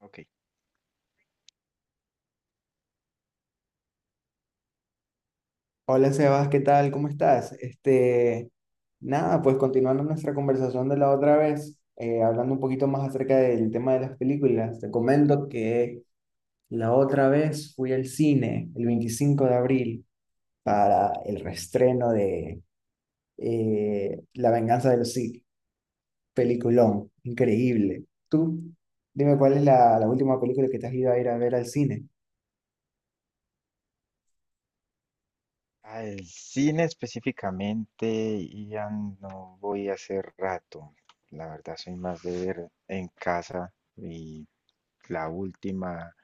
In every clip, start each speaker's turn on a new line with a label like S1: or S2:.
S1: Ok.
S2: Hola Sebas, ¿qué tal? ¿Cómo estás? Nada, pues continuando nuestra conversación de la otra vez, hablando un poquito más acerca del tema de las películas, te comento que la otra vez fui al cine el 25 de abril para el reestreno de La venganza de los Sith, peliculón, increíble. Tú, dime cuál es la última película que te has ido a ir a ver al cine,
S1: Al cine específicamente, ya no voy hace rato. La verdad, soy más de ver en casa. Y la última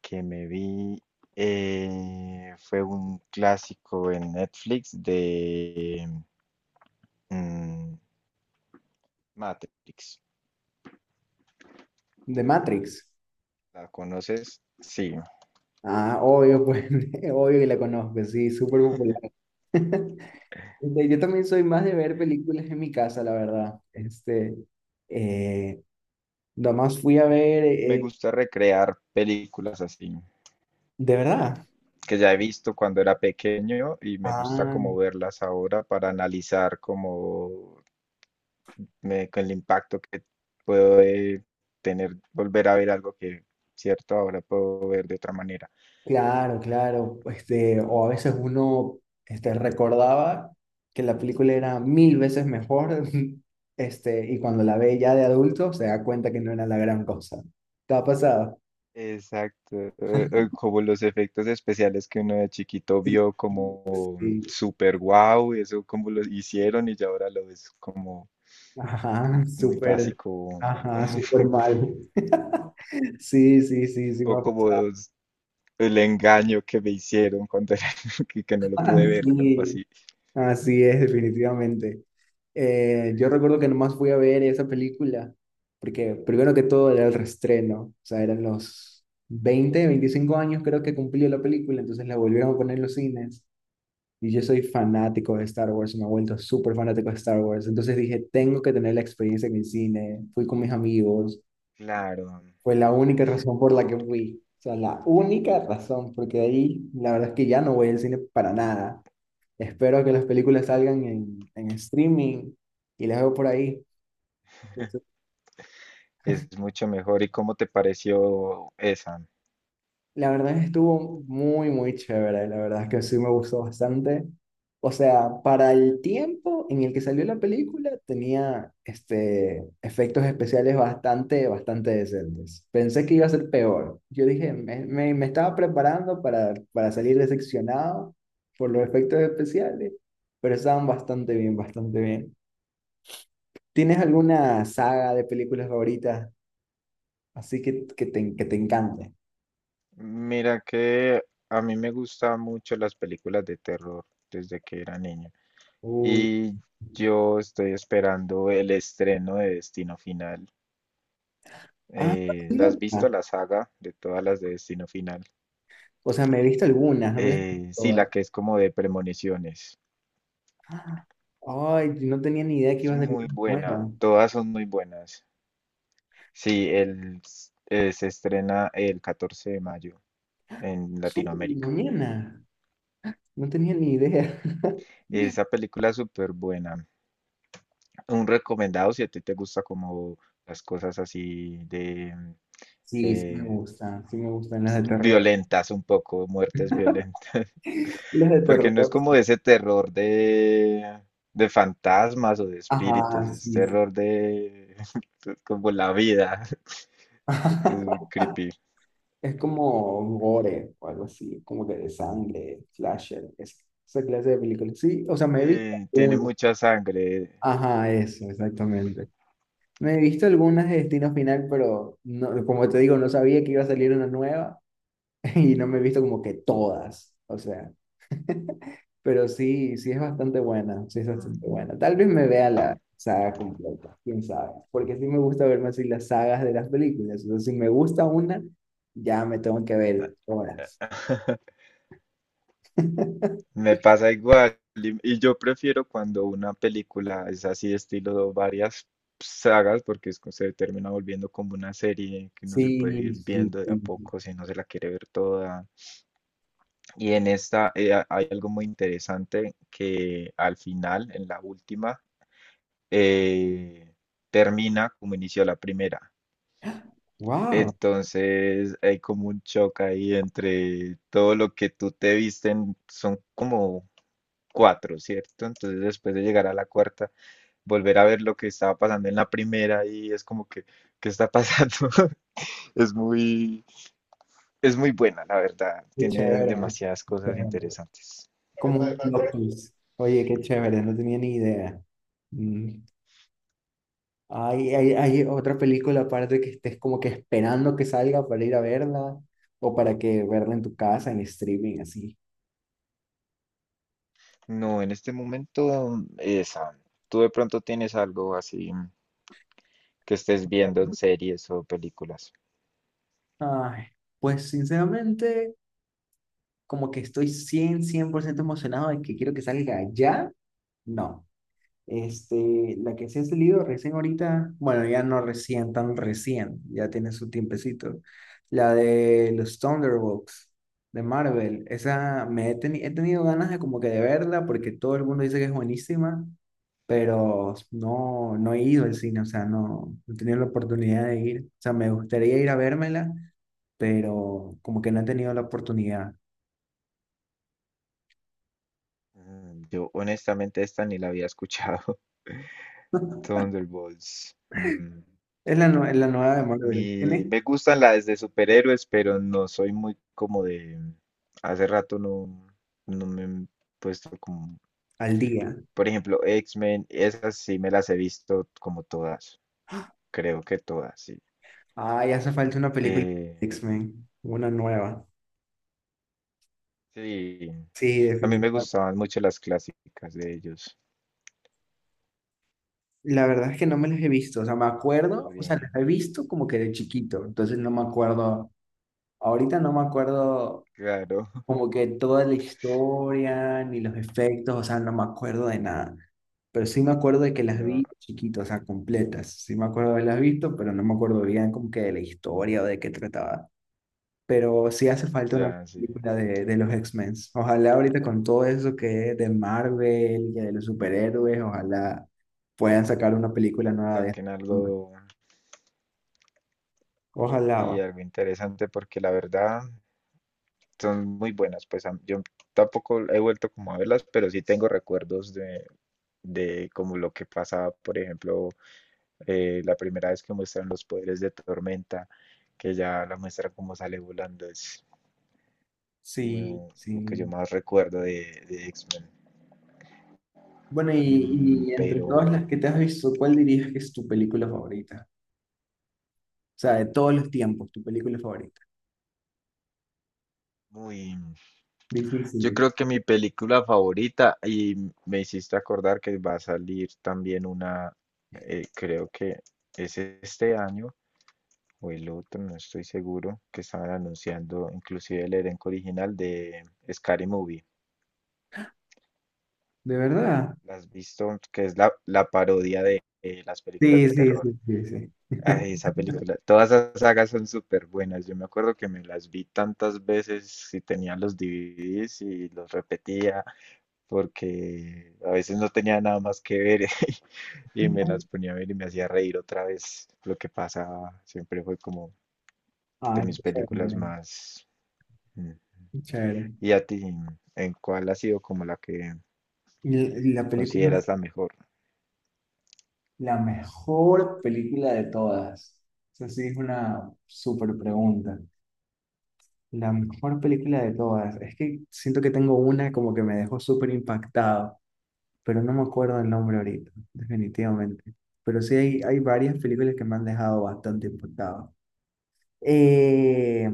S1: que me vi fue un clásico en Netflix de mm, Matrix.
S2: de Matrix.
S1: ¿La conoces? Sí.
S2: Ah, obvio, pues, obvio que la conozco, sí, súper popular. Yo también soy más de ver películas en mi casa, la verdad. Eh, Nomás fui a ver,
S1: Me gusta recrear películas así,
S2: de verdad.
S1: que ya he visto cuando era pequeño y me gusta
S2: Ah,
S1: como verlas ahora para analizar como con el impacto que puede tener volver a ver algo que, cierto, ahora puedo ver de otra manera.
S2: claro, claro. O a veces uno, recordaba que la película era mil veces mejor, y cuando la ve ya de adulto se da cuenta que no era la gran cosa. ¿Te ha pasado?
S1: Exacto, como los efectos especiales que uno de chiquito
S2: Sí,
S1: vio
S2: sí,
S1: como
S2: sí.
S1: super guau, eso como lo hicieron y ya ahora lo ves como
S2: Ajá,
S1: muy
S2: súper,
S1: básico o,
S2: ajá, súper mal. Sí, sí, sí, sí,
S1: o
S2: me ha pasado.
S1: el engaño que me hicieron cuando era, que no lo
S2: Ah,
S1: pude ver, algo
S2: sí,
S1: así.
S2: así es, definitivamente. Yo recuerdo que nomás fui a ver esa película, porque primero que todo era el reestreno, o sea, eran los 20, 25 años creo que cumplió la película, entonces la volvieron a poner en los cines. Y yo soy fanático de Star Wars, me he vuelto súper fanático de Star Wars, entonces dije, tengo que tener la experiencia en el cine, fui con mis amigos,
S1: Claro,
S2: fue la única razón por la que fui. O sea, la única razón, porque de ahí la verdad es que ya no voy al cine para nada. Espero que las películas salgan en streaming y las veo por ahí.
S1: es mucho mejor. ¿Y cómo te pareció esa?
S2: La verdad estuvo muy, muy chévere, la verdad es que sí me gustó bastante. O sea, para el tiempo en el que salió la película tenía efectos especiales bastante, bastante decentes. Pensé que iba a ser peor. Yo dije, me estaba preparando para salir decepcionado por los efectos especiales, pero estaban bastante bien, bastante bien. ¿Tienes alguna saga de películas favoritas así que te encante?
S1: Mira que a mí me gustan mucho las películas de terror desde que era niño.
S2: Uy.
S1: Y yo estoy esperando el estreno de Destino Final.
S2: Ah,
S1: ¿La has visto la saga de todas las de Destino Final?
S2: o sea, me he visto algunas, no me las he visto
S1: Sí, la
S2: todas.
S1: que es como de premoniciones.
S2: ¡Ah! Ay, no tenía ni idea que
S1: Es
S2: iba a salir
S1: muy
S2: una
S1: buena,
S2: nueva.
S1: todas son muy buenas. Sí, se estrena el 14 de mayo en
S2: Súper,
S1: Latinoamérica.
S2: mañana. No tenía ni idea.
S1: Esa película es súper buena. Un recomendado si a ti te gusta como las cosas así de
S2: Sí,
S1: eh,
S2: sí me gustan las de terror.
S1: violentas un poco, muertes violentas.
S2: Las de
S1: Porque no es
S2: terror.
S1: como ese terror de fantasmas o de espíritus,
S2: Ajá,
S1: es
S2: sí, sí.
S1: terror de como la vida. Es muy creepy.
S2: Es como gore o algo así, como que de sangre, slasher, es- esa clase de películas. Sí, o sea, me he visto
S1: Tiene
S2: algunas.
S1: mucha sangre.
S2: Ajá, eso, exactamente. Me he visto algunas de Destino Final, pero no, como te digo, no sabía que iba a salir una nueva. Y no me he visto como que todas, o sea, pero sí, sí es bastante buena, sí es
S1: Mm.
S2: bastante buena. Tal vez me vea la saga completa, quién sabe, porque sí me gusta verme así las sagas de las películas, o sea, si me gusta una, ya me tengo que ver horas.
S1: Me pasa igual. Y yo prefiero cuando una película es así, estilo varias sagas, porque es que se termina volviendo como una serie que uno se
S2: Sí,
S1: puede ir
S2: sí,
S1: viendo de a
S2: sí.
S1: poco si no se la quiere ver toda. Y en esta hay algo muy interesante que al final, en la última, eh, termina como inició la primera.
S2: Wow,
S1: Entonces hay como un choque ahí entre todo lo que tú te visten, son como cuatro, ¿cierto? Entonces después de llegar a la cuarta, volver a ver lo que estaba pasando en la primera y es como que, ¿qué está pasando? Es muy, es muy buena, la verdad.
S2: qué
S1: Tiene
S2: chévere,
S1: demasiadas
S2: qué
S1: cosas
S2: chévere.
S1: interesantes.
S2: Como un plot twist. Oye, qué chévere, no tenía ni idea. Mm. Hay otra película aparte que estés como que esperando que salga para ir a verla o para que verla en tu casa, en streaming, así.
S1: No, en este momento, esa. Tú de pronto tienes algo así que estés viendo en series o películas.
S2: Ay, pues sinceramente, como que estoy cien por ciento emocionado de que quiero que salga ya. No, la que se ha salido recién ahorita, bueno, ya no recién, tan recién, ya tiene su tiempecito. La de los Thunderbolts de Marvel, esa he tenido ganas de como que de verla porque todo el mundo dice que es buenísima. Pero no, no he ido al cine, o sea, no, no he tenido la oportunidad de ir. O sea, me gustaría ir a vérmela, pero como que no he tenido la oportunidad.
S1: Yo honestamente esta ni la había escuchado. Thunderbolts.
S2: Es la nueva de
S1: A
S2: Marvel.
S1: mí
S2: Tiene
S1: me gustan las de superhéroes, pero no soy muy como de... Hace rato no me he puesto como...
S2: al día.
S1: Por ejemplo, X-Men, esas sí me las he visto como todas. Creo que todas, sí.
S2: Ah, ya hace falta una película
S1: Eh,
S2: de X-Men, una nueva.
S1: sí,
S2: Sí,
S1: a mí me
S2: definitivamente.
S1: gustaban mucho las clásicas de ellos.
S2: La verdad es que no me las he visto, o sea, me acuerdo,
S1: Por
S2: o sea, las
S1: ejemplo,
S2: he visto como que de chiquito, entonces no me acuerdo, ahorita no me acuerdo
S1: claro,
S2: como que toda la historia, ni los efectos, o sea, no me acuerdo de nada. Pero sí me acuerdo de que las
S1: no,
S2: vi chiquito, o sea, completas. Sí me acuerdo de haberlas visto, pero no me acuerdo bien como que de la historia o de qué trataba. Pero sí hace falta una
S1: ya, sí.
S2: película de los X-Men. Ojalá ahorita con todo eso que es de Marvel y de los superhéroes, ojalá puedan sacar una película nueva de
S1: Saquen algo,
S2: esto. Ojalá. Va.
S1: sí, algo interesante porque la verdad... son muy buenas. Pues yo tampoco he vuelto como a verlas, pero sí tengo recuerdos de como lo que pasaba, por ejemplo, la primera vez que muestran los poderes de Tormenta, que ya la muestra como sale volando, es
S2: Sí,
S1: como lo que yo
S2: sí.
S1: más recuerdo de X-Men.
S2: Bueno, y, y entre
S1: Pero
S2: todas las que te has visto, ¿cuál dirías que es tu película favorita? O sea, de todos los tiempos, tu película favorita.
S1: muy, yo
S2: Difícil.
S1: creo que mi película favorita, y me hiciste acordar que va a salir también una, creo que es este año o el otro, no estoy seguro, que estaban anunciando inclusive el elenco original de Scary Movie.
S2: ¿De verdad?
S1: ¿La has visto? Que es la, la parodia de las películas
S2: Sí,
S1: de
S2: sí,
S1: terror.
S2: sí, sí, sí.
S1: Ay, esa película, todas esas sagas son súper buenas. Yo me acuerdo que me las vi tantas veces si tenía los DVDs y los repetía. Porque a veces no tenía nada más que ver y me las ponía a ver y me hacía reír otra vez lo que pasaba. Siempre fue como de
S2: Ay,
S1: mis
S2: qué
S1: películas
S2: chévere,
S1: más... mm.
S2: qué chévere.
S1: ¿Y a ti, en cuál ha sido como la que
S2: Y la película,
S1: consideras la mejor?
S2: la mejor película de todas. Esa sí es una súper pregunta. La mejor película de todas. Es que siento que tengo una como que me dejó súper impactado, pero no me acuerdo el nombre ahorita, definitivamente. Pero sí hay varias películas que me han dejado bastante impactado. Eh,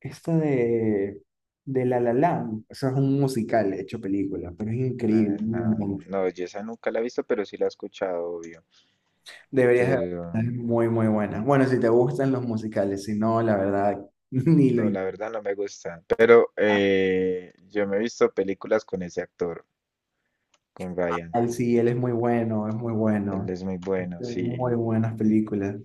S2: Esta de La La Land, eso es un musical hecho película, pero es increíble.
S1: La,
S2: Muy
S1: la...
S2: bueno.
S1: No, yo esa nunca la he visto, pero sí la he escuchado, obvio.
S2: Deberías de
S1: Pero
S2: verla, es muy, muy buena. Bueno, si te gustan los musicales, si no, la verdad, ni lo
S1: no,
S2: in-
S1: la verdad no me gusta. Pero yo me he visto películas con ese actor, con Ryan.
S2: Al sí, él es muy bueno, es muy
S1: Él
S2: bueno.
S1: es muy
S2: Hay
S1: bueno, sí.
S2: muy buenas películas.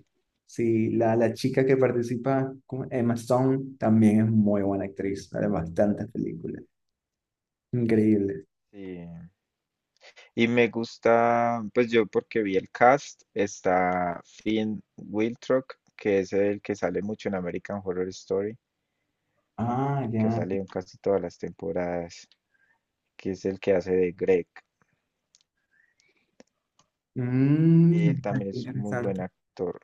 S2: Sí, la chica que participa, ¿cómo? Emma Stone, también es muy buena actriz. Sale en bastantes películas. Increíble.
S1: Sí. Y me gusta, pues yo porque vi el cast, está Finn Wittrock que es el que sale mucho en American Horror Story,
S2: Ah,
S1: que ha
S2: ya.
S1: salido en casi todas las temporadas, que es el que hace de Greg. Él
S2: Mm,
S1: también
S2: qué
S1: es muy buen
S2: interesante.
S1: actor.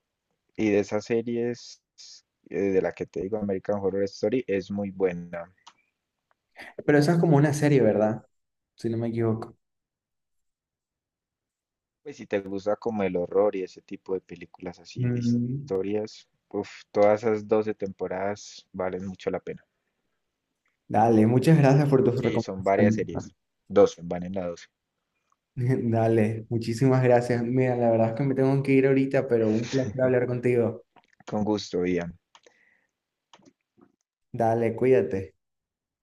S1: Y de esas series, de la que te digo, American Horror Story, es muy buena.
S2: Pero eso es como una serie, ¿verdad? Si no me equivoco.
S1: Pues si te gusta como el horror y ese tipo de películas así, de
S2: Mm,
S1: historias, uf, todas esas 12 temporadas valen mucho la pena.
S2: dale, muchas gracias por tus
S1: Sí, son varias
S2: recomendaciones.
S1: series. 12, van en la 12.
S2: Dale, muchísimas gracias. Mira, la verdad es que me tengo que ir ahorita, pero un placer hablar contigo.
S1: Con gusto, Ian.
S2: Dale, cuídate.